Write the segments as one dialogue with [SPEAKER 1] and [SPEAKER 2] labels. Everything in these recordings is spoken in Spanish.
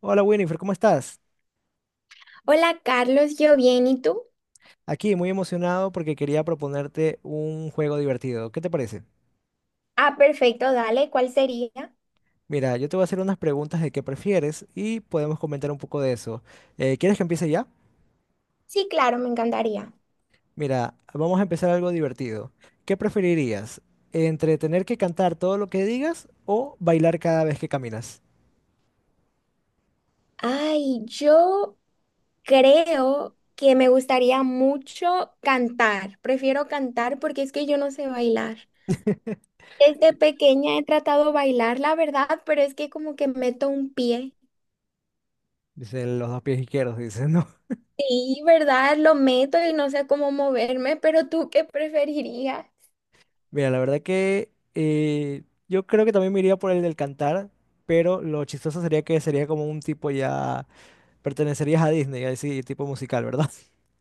[SPEAKER 1] Hola Winifred, ¿cómo estás?
[SPEAKER 2] Hola Carlos, yo bien, ¿y tú?
[SPEAKER 1] Aquí muy emocionado porque quería proponerte un juego divertido. ¿Qué te parece?
[SPEAKER 2] Ah, perfecto, dale, ¿cuál sería?
[SPEAKER 1] Mira, yo te voy a hacer unas preguntas de qué prefieres y podemos comentar un poco de eso. ¿Quieres que empiece ya?
[SPEAKER 2] Sí, claro, me encantaría.
[SPEAKER 1] Mira, vamos a empezar algo divertido. ¿Qué preferirías? ¿Entre tener que cantar todo lo que digas o bailar cada vez que caminas?
[SPEAKER 2] Ay, yo creo que me gustaría mucho cantar. Prefiero cantar porque es que yo no sé bailar. Desde pequeña he tratado de bailar, la verdad, pero es que como que meto un pie.
[SPEAKER 1] Dicen los dos pies izquierdos, dicen, ¿no?
[SPEAKER 2] Sí, ¿verdad? Lo meto y no sé cómo moverme, pero ¿tú qué preferirías?
[SPEAKER 1] Mira, la verdad que yo creo que también me iría por el del cantar, pero lo chistoso sería que sería como un tipo ya, pertenecerías a Disney, así tipo musical, ¿verdad?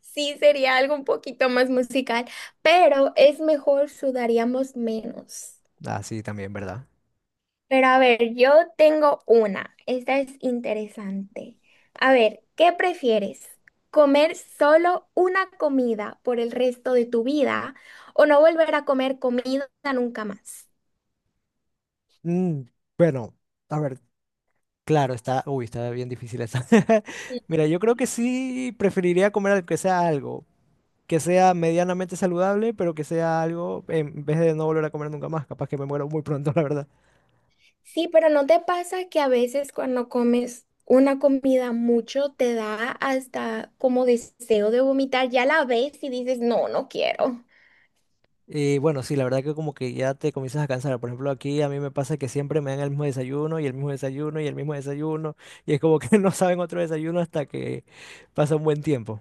[SPEAKER 2] Sí, sería algo un poquito más musical, pero es mejor, sudaríamos menos.
[SPEAKER 1] Ah, sí, también, ¿verdad?
[SPEAKER 2] Pero a ver, yo tengo una. Esta es interesante. A ver, ¿qué prefieres? ¿Comer solo una comida por el resto de tu vida o no volver a comer comida nunca más?
[SPEAKER 1] Mm, bueno, a ver, claro, está, uy, está bien difícil esa. Mira, yo creo que sí preferiría comer algo, que sea medianamente saludable, pero que sea algo, en vez de no volver a comer nunca más, capaz que me muero muy pronto, la verdad.
[SPEAKER 2] Sí, pero ¿no te pasa que a veces cuando comes una comida mucho te da hasta como deseo de vomitar? Ya la ves y dices, no, no quiero.
[SPEAKER 1] Y bueno, sí, la verdad que como que ya te comienzas a cansar. Por ejemplo, aquí a mí me pasa que siempre me dan el mismo desayuno y el mismo desayuno y el mismo desayuno, y es como que no saben otro desayuno hasta que pasa un buen tiempo.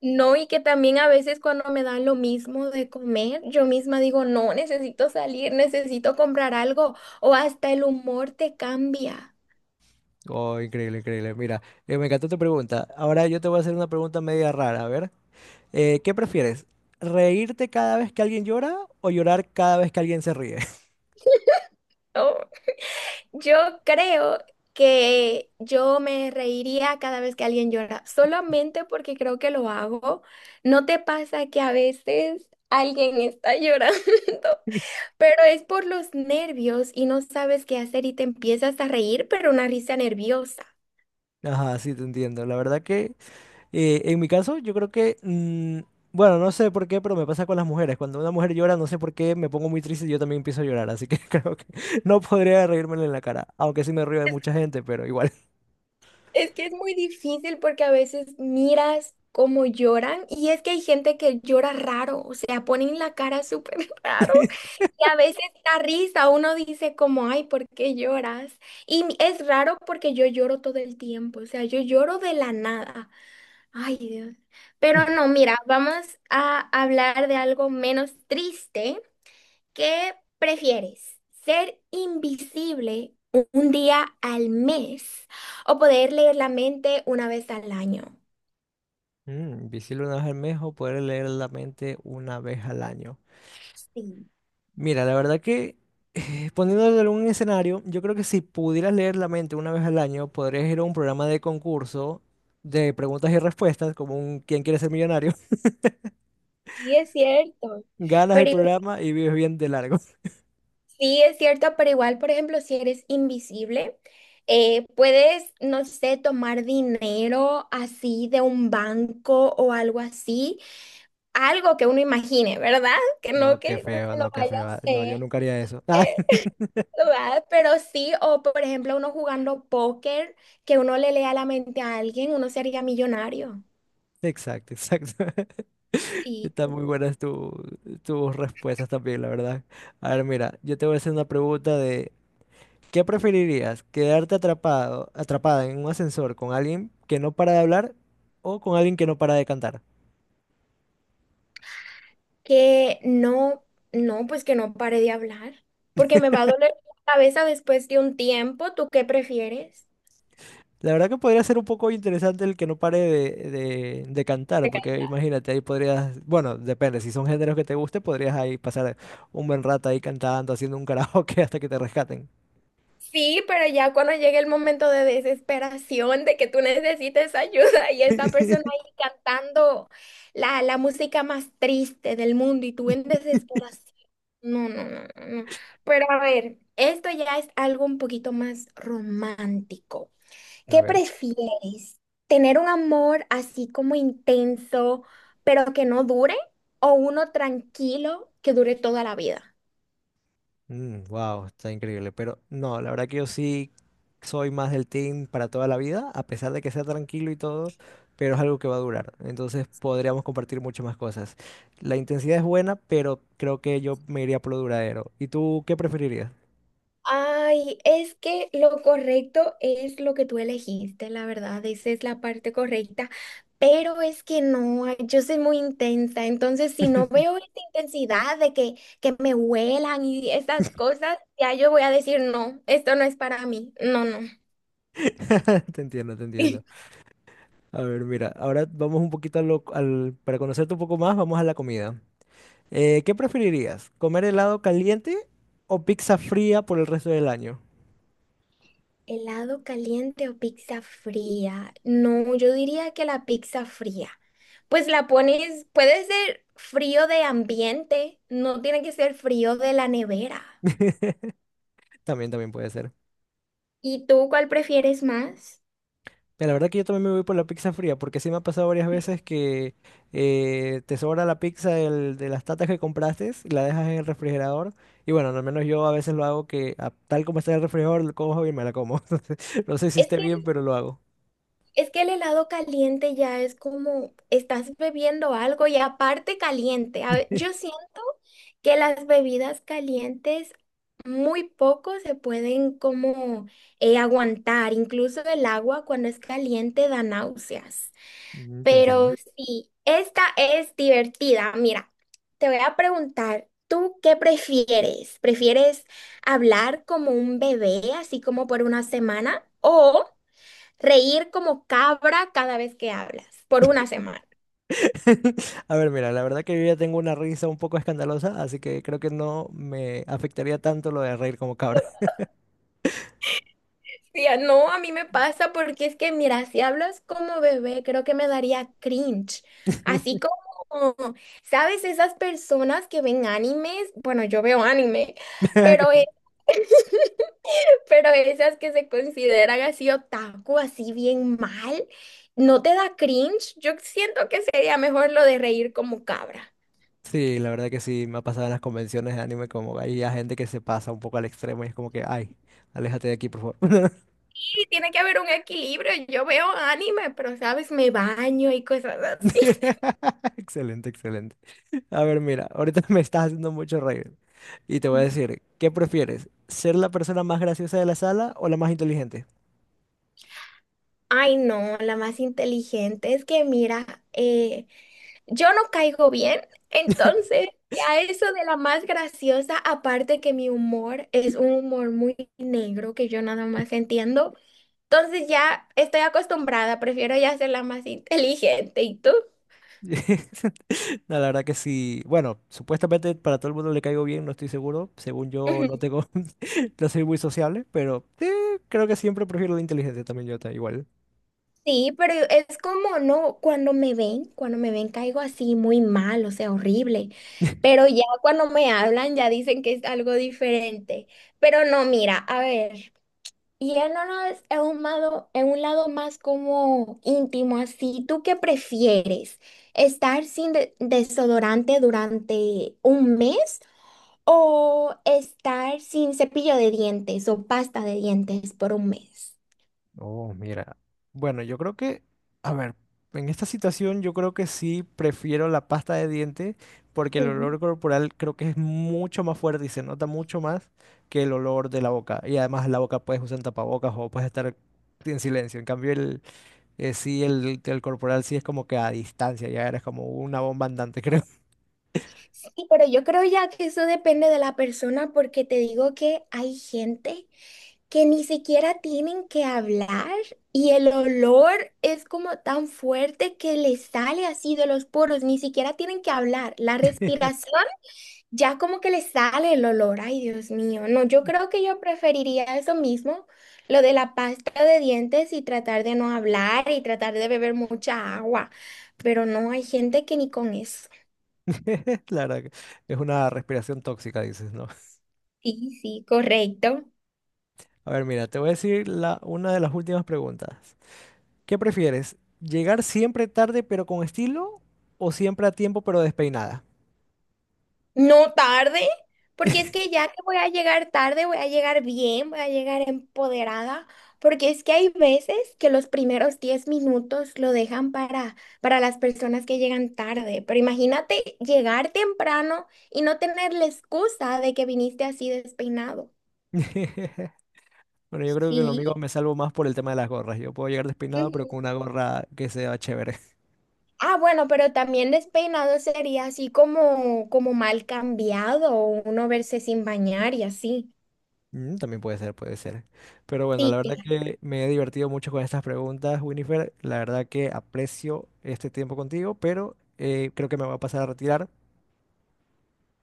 [SPEAKER 2] No, y que también a veces cuando me dan lo mismo de comer, yo misma digo, no, necesito salir, necesito comprar algo, o hasta el humor te cambia.
[SPEAKER 1] Oh, increíble, increíble. Mira, me encantó tu pregunta. Ahora yo te voy a hacer una pregunta media rara. A ver, ¿qué prefieres? ¿Reírte cada vez que alguien llora o llorar cada vez que alguien se ríe?
[SPEAKER 2] Oh, yo creo que yo me reiría cada vez que alguien llora, solamente porque creo que lo hago. ¿No te pasa que a veces alguien está llorando, pero es por los nervios y no sabes qué hacer y te empiezas a reír, pero una risa nerviosa?
[SPEAKER 1] Ajá, sí, te entiendo. La verdad que en mi caso yo creo que, bueno, no sé por qué, pero me pasa con las mujeres. Cuando una mujer llora, no sé por qué, me pongo muy triste y yo también empiezo a llorar. Así que creo que no podría reírmele en la cara. Aunque sí me río de mucha gente, pero igual.
[SPEAKER 2] Es que es muy difícil porque a veces miras cómo lloran y es que hay gente que llora raro, o sea, ponen la cara súper raro y a veces da risa, uno dice como, ay, ¿por qué lloras? Es raro porque yo lloro todo el tiempo, o sea, yo lloro de la nada, ay Dios. Pero no, mira, vamos a hablar de algo menos triste. ¿Qué prefieres? ¿Ser invisible un día al mes o poder leer la mente una vez al año?
[SPEAKER 1] Visible una vez al mes o poder leer la mente una vez al año.
[SPEAKER 2] Sí,
[SPEAKER 1] Mira, la verdad que poniéndolo en un escenario, yo creo que si pudieras leer la mente una vez al año, podrías ir a un programa de concurso de preguntas y respuestas, como un ¿Quién quiere ser millonario?
[SPEAKER 2] sí es cierto.
[SPEAKER 1] Ganas el
[SPEAKER 2] Pero igu-
[SPEAKER 1] programa y vives bien de largo.
[SPEAKER 2] sí es cierto, pero igual, por ejemplo, si eres invisible, puedes, no sé, tomar dinero así de un banco o algo así, algo que uno imagine, ¿verdad? Que no
[SPEAKER 1] No, qué
[SPEAKER 2] que uno
[SPEAKER 1] feo,
[SPEAKER 2] lo
[SPEAKER 1] no, qué
[SPEAKER 2] vaya a
[SPEAKER 1] feo. No,
[SPEAKER 2] hacer.
[SPEAKER 1] yo nunca haría eso. Ah,
[SPEAKER 2] eh, ¿Verdad? Pero sí, o por ejemplo, uno jugando póker, que uno le lea la mente a alguien, uno sería millonario.
[SPEAKER 1] exacto, exacto.
[SPEAKER 2] Sí.
[SPEAKER 1] Están muy buenas tus respuestas también, la verdad. A ver, mira, yo te voy a hacer una pregunta. ¿Qué preferirías? ¿Quedarte atrapado, atrapada en un ascensor con alguien que no para de hablar o con alguien que no para de cantar?
[SPEAKER 2] Que no, no, pues que no pare de hablar, porque me va a doler la cabeza después de un tiempo. ¿Tú qué prefieres?
[SPEAKER 1] La verdad que podría ser un poco interesante el que no pare de, de cantar, porque imagínate, ahí podrías, bueno, depende, si son géneros que te guste, podrías ahí pasar un buen rato ahí cantando, haciendo un karaoke hasta que te rescaten.
[SPEAKER 2] Sí, pero ya cuando llegue el momento de desesperación, de que tú necesites ayuda y esta persona ahí cantando la música más triste del mundo y tú en desesperación. No, no, no, no, no. Pero a ver, esto ya es algo un poquito más romántico.
[SPEAKER 1] A
[SPEAKER 2] ¿Qué
[SPEAKER 1] ver.
[SPEAKER 2] prefieres? ¿Tener un amor así como intenso, pero que no dure? ¿O uno tranquilo que dure toda la vida?
[SPEAKER 1] Wow, está increíble. Pero no, la verdad que yo sí soy más del team para toda la vida, a pesar de que sea tranquilo y todo, pero es algo que va a durar. Entonces podríamos compartir muchas más cosas. La intensidad es buena, pero creo que yo me iría por lo duradero. ¿Y tú qué preferirías?
[SPEAKER 2] Ay, es que lo correcto es lo que tú elegiste, la verdad, esa es la parte correcta, pero es que no, ay, yo soy muy intensa, entonces si no veo esta intensidad de que me huelan y esas cosas, ya yo voy a decir, no, esto no es para mí, no, no.
[SPEAKER 1] Te entiendo, te entiendo. A ver, mira, ahora vamos un poquito a para conocerte un poco más, vamos a la comida. ¿Qué preferirías? ¿Comer helado caliente o pizza fría por el resto del año?
[SPEAKER 2] ¿Helado caliente o pizza fría? No, yo diría que la pizza fría. Pues la pones, puede ser frío de ambiente, no tiene que ser frío de la nevera.
[SPEAKER 1] También, también puede ser.
[SPEAKER 2] ¿Y tú cuál prefieres más?
[SPEAKER 1] Mira, la verdad que yo también me voy por la pizza fría, porque sí me ha pasado varias veces que te sobra la pizza de las tatas que compraste y la dejas en el refrigerador. Y bueno, al menos yo a veces lo hago que tal como está en el refrigerador, lo cojo y me la como. Entonces, no sé si
[SPEAKER 2] Es
[SPEAKER 1] esté
[SPEAKER 2] que,
[SPEAKER 1] bien,
[SPEAKER 2] el-
[SPEAKER 1] pero lo hago.
[SPEAKER 2] es que el helado caliente ya es como estás bebiendo algo y aparte caliente. Yo siento que las bebidas calientes muy poco se pueden como aguantar. Incluso el agua cuando es caliente da náuseas.
[SPEAKER 1] Mm, te
[SPEAKER 2] Pero
[SPEAKER 1] entiendo.
[SPEAKER 2] sí, esta es divertida. Mira, te voy a preguntar, ¿tú qué prefieres? ¿Prefieres hablar como un bebé, así como por una semana, o reír como cabra cada vez que hablas, por una semana?
[SPEAKER 1] A ver, mira, la verdad que yo ya tengo una risa un poco escandalosa, así que creo que no me afectaría tanto lo de reír como cabra.
[SPEAKER 2] Tía, no, a mí me pasa porque es que, mira, si hablas como bebé, creo que me daría cringe. Así como, ¿sabes? Esas personas que ven animes, bueno, yo veo anime, pero, e- pero esas que se consideran así otaku, así bien mal, ¿no te da cringe? Yo siento que sería mejor lo de reír como cabra.
[SPEAKER 1] Sí, la verdad que sí, me ha pasado en las convenciones de anime como hay gente que se pasa un poco al extremo y es como que, ay, aléjate de aquí, por favor.
[SPEAKER 2] Sí, tiene que haber un equilibrio. Yo veo anime, pero, ¿sabes? Me baño y cosas así.
[SPEAKER 1] Excelente, excelente. A ver, mira, ahorita me estás haciendo mucho reír y te voy a decir, ¿qué prefieres? ¿Ser la persona más graciosa de la sala o la más inteligente?
[SPEAKER 2] Ay, no, la más inteligente. Es que mira, yo no caigo bien, entonces a eso de la más graciosa, aparte que mi humor es un humor muy negro que yo nada más entiendo, entonces ya estoy acostumbrada, prefiero ya ser la más inteligente. ¿Y tú?
[SPEAKER 1] No, la verdad que sí. Bueno, supuestamente para todo el mundo le caigo bien, no estoy seguro. Según yo, no
[SPEAKER 2] Ujú.
[SPEAKER 1] tengo, no soy muy sociable, pero creo que siempre prefiero la inteligente también, yo igual.
[SPEAKER 2] Sí, pero es como, no, cuando me ven caigo así muy mal, o sea, horrible, pero ya cuando me hablan ya dicen que es algo diferente. Pero no, mira, a ver. Y en uno es un lado, en un lado más como íntimo, así. ¿Tú qué prefieres? ¿Estar sin desodorante durante un mes o estar sin cepillo de dientes o pasta de dientes por un mes?
[SPEAKER 1] Oh, mira. Bueno, yo creo que, a ver, en esta situación yo creo que sí prefiero la pasta de dientes porque el
[SPEAKER 2] Mm.
[SPEAKER 1] olor corporal creo que es mucho más fuerte y se nota mucho más que el olor de la boca. Y además la boca puedes usar tapabocas o puedes estar en silencio. En cambio, el corporal sí es como que a distancia, ya eres como una bomba andante, creo.
[SPEAKER 2] Sí, pero yo creo ya que eso depende de la persona porque te digo que hay gente que ni siquiera tienen que hablar y el olor es como tan fuerte que les sale así de los poros, ni siquiera tienen que hablar. La respiración ya como que les sale el olor. Ay, Dios mío. No, yo creo que yo preferiría eso mismo, lo de la pasta de dientes y tratar de no hablar y tratar de beber mucha agua. Pero no, hay gente que ni con eso.
[SPEAKER 1] La verdad que es una respiración tóxica, dices, ¿no?
[SPEAKER 2] Sí, sí, correcto.
[SPEAKER 1] A ver, mira, te voy a decir una de las últimas preguntas. ¿Qué prefieres? ¿Llegar siempre tarde pero con estilo o siempre a tiempo pero despeinada?
[SPEAKER 2] No tarde, porque es que ya que voy a llegar tarde, voy a llegar bien, voy a llegar empoderada, porque es que hay veces que los primeros 10 minutos lo dejan para las personas que llegan tarde, pero imagínate llegar temprano y no tener la excusa de que viniste así despeinado.
[SPEAKER 1] Bueno, yo creo que lo
[SPEAKER 2] Sí.
[SPEAKER 1] mío me salvo más por el tema de las gorras. Yo puedo llegar despeinado pero con
[SPEAKER 2] Ujú.
[SPEAKER 1] una gorra que sea chévere.
[SPEAKER 2] Ah, bueno, pero también despeinado sería así como, como mal cambiado, o uno verse sin bañar y así.
[SPEAKER 1] Mm, también puede ser, puede ser. Pero bueno, la
[SPEAKER 2] Sí,
[SPEAKER 1] verdad que me he divertido mucho con estas preguntas, Winifred. La verdad que aprecio este tiempo contigo, pero creo que me voy a pasar a retirar.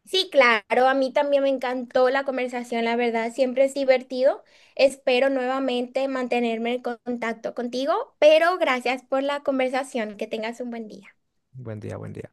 [SPEAKER 2] sí, claro, a mí también me encantó la conversación, la verdad, siempre es divertido. Espero nuevamente mantenerme en contacto contigo, pero gracias por la conversación, que tengas un buen día.
[SPEAKER 1] Buen día, buen día.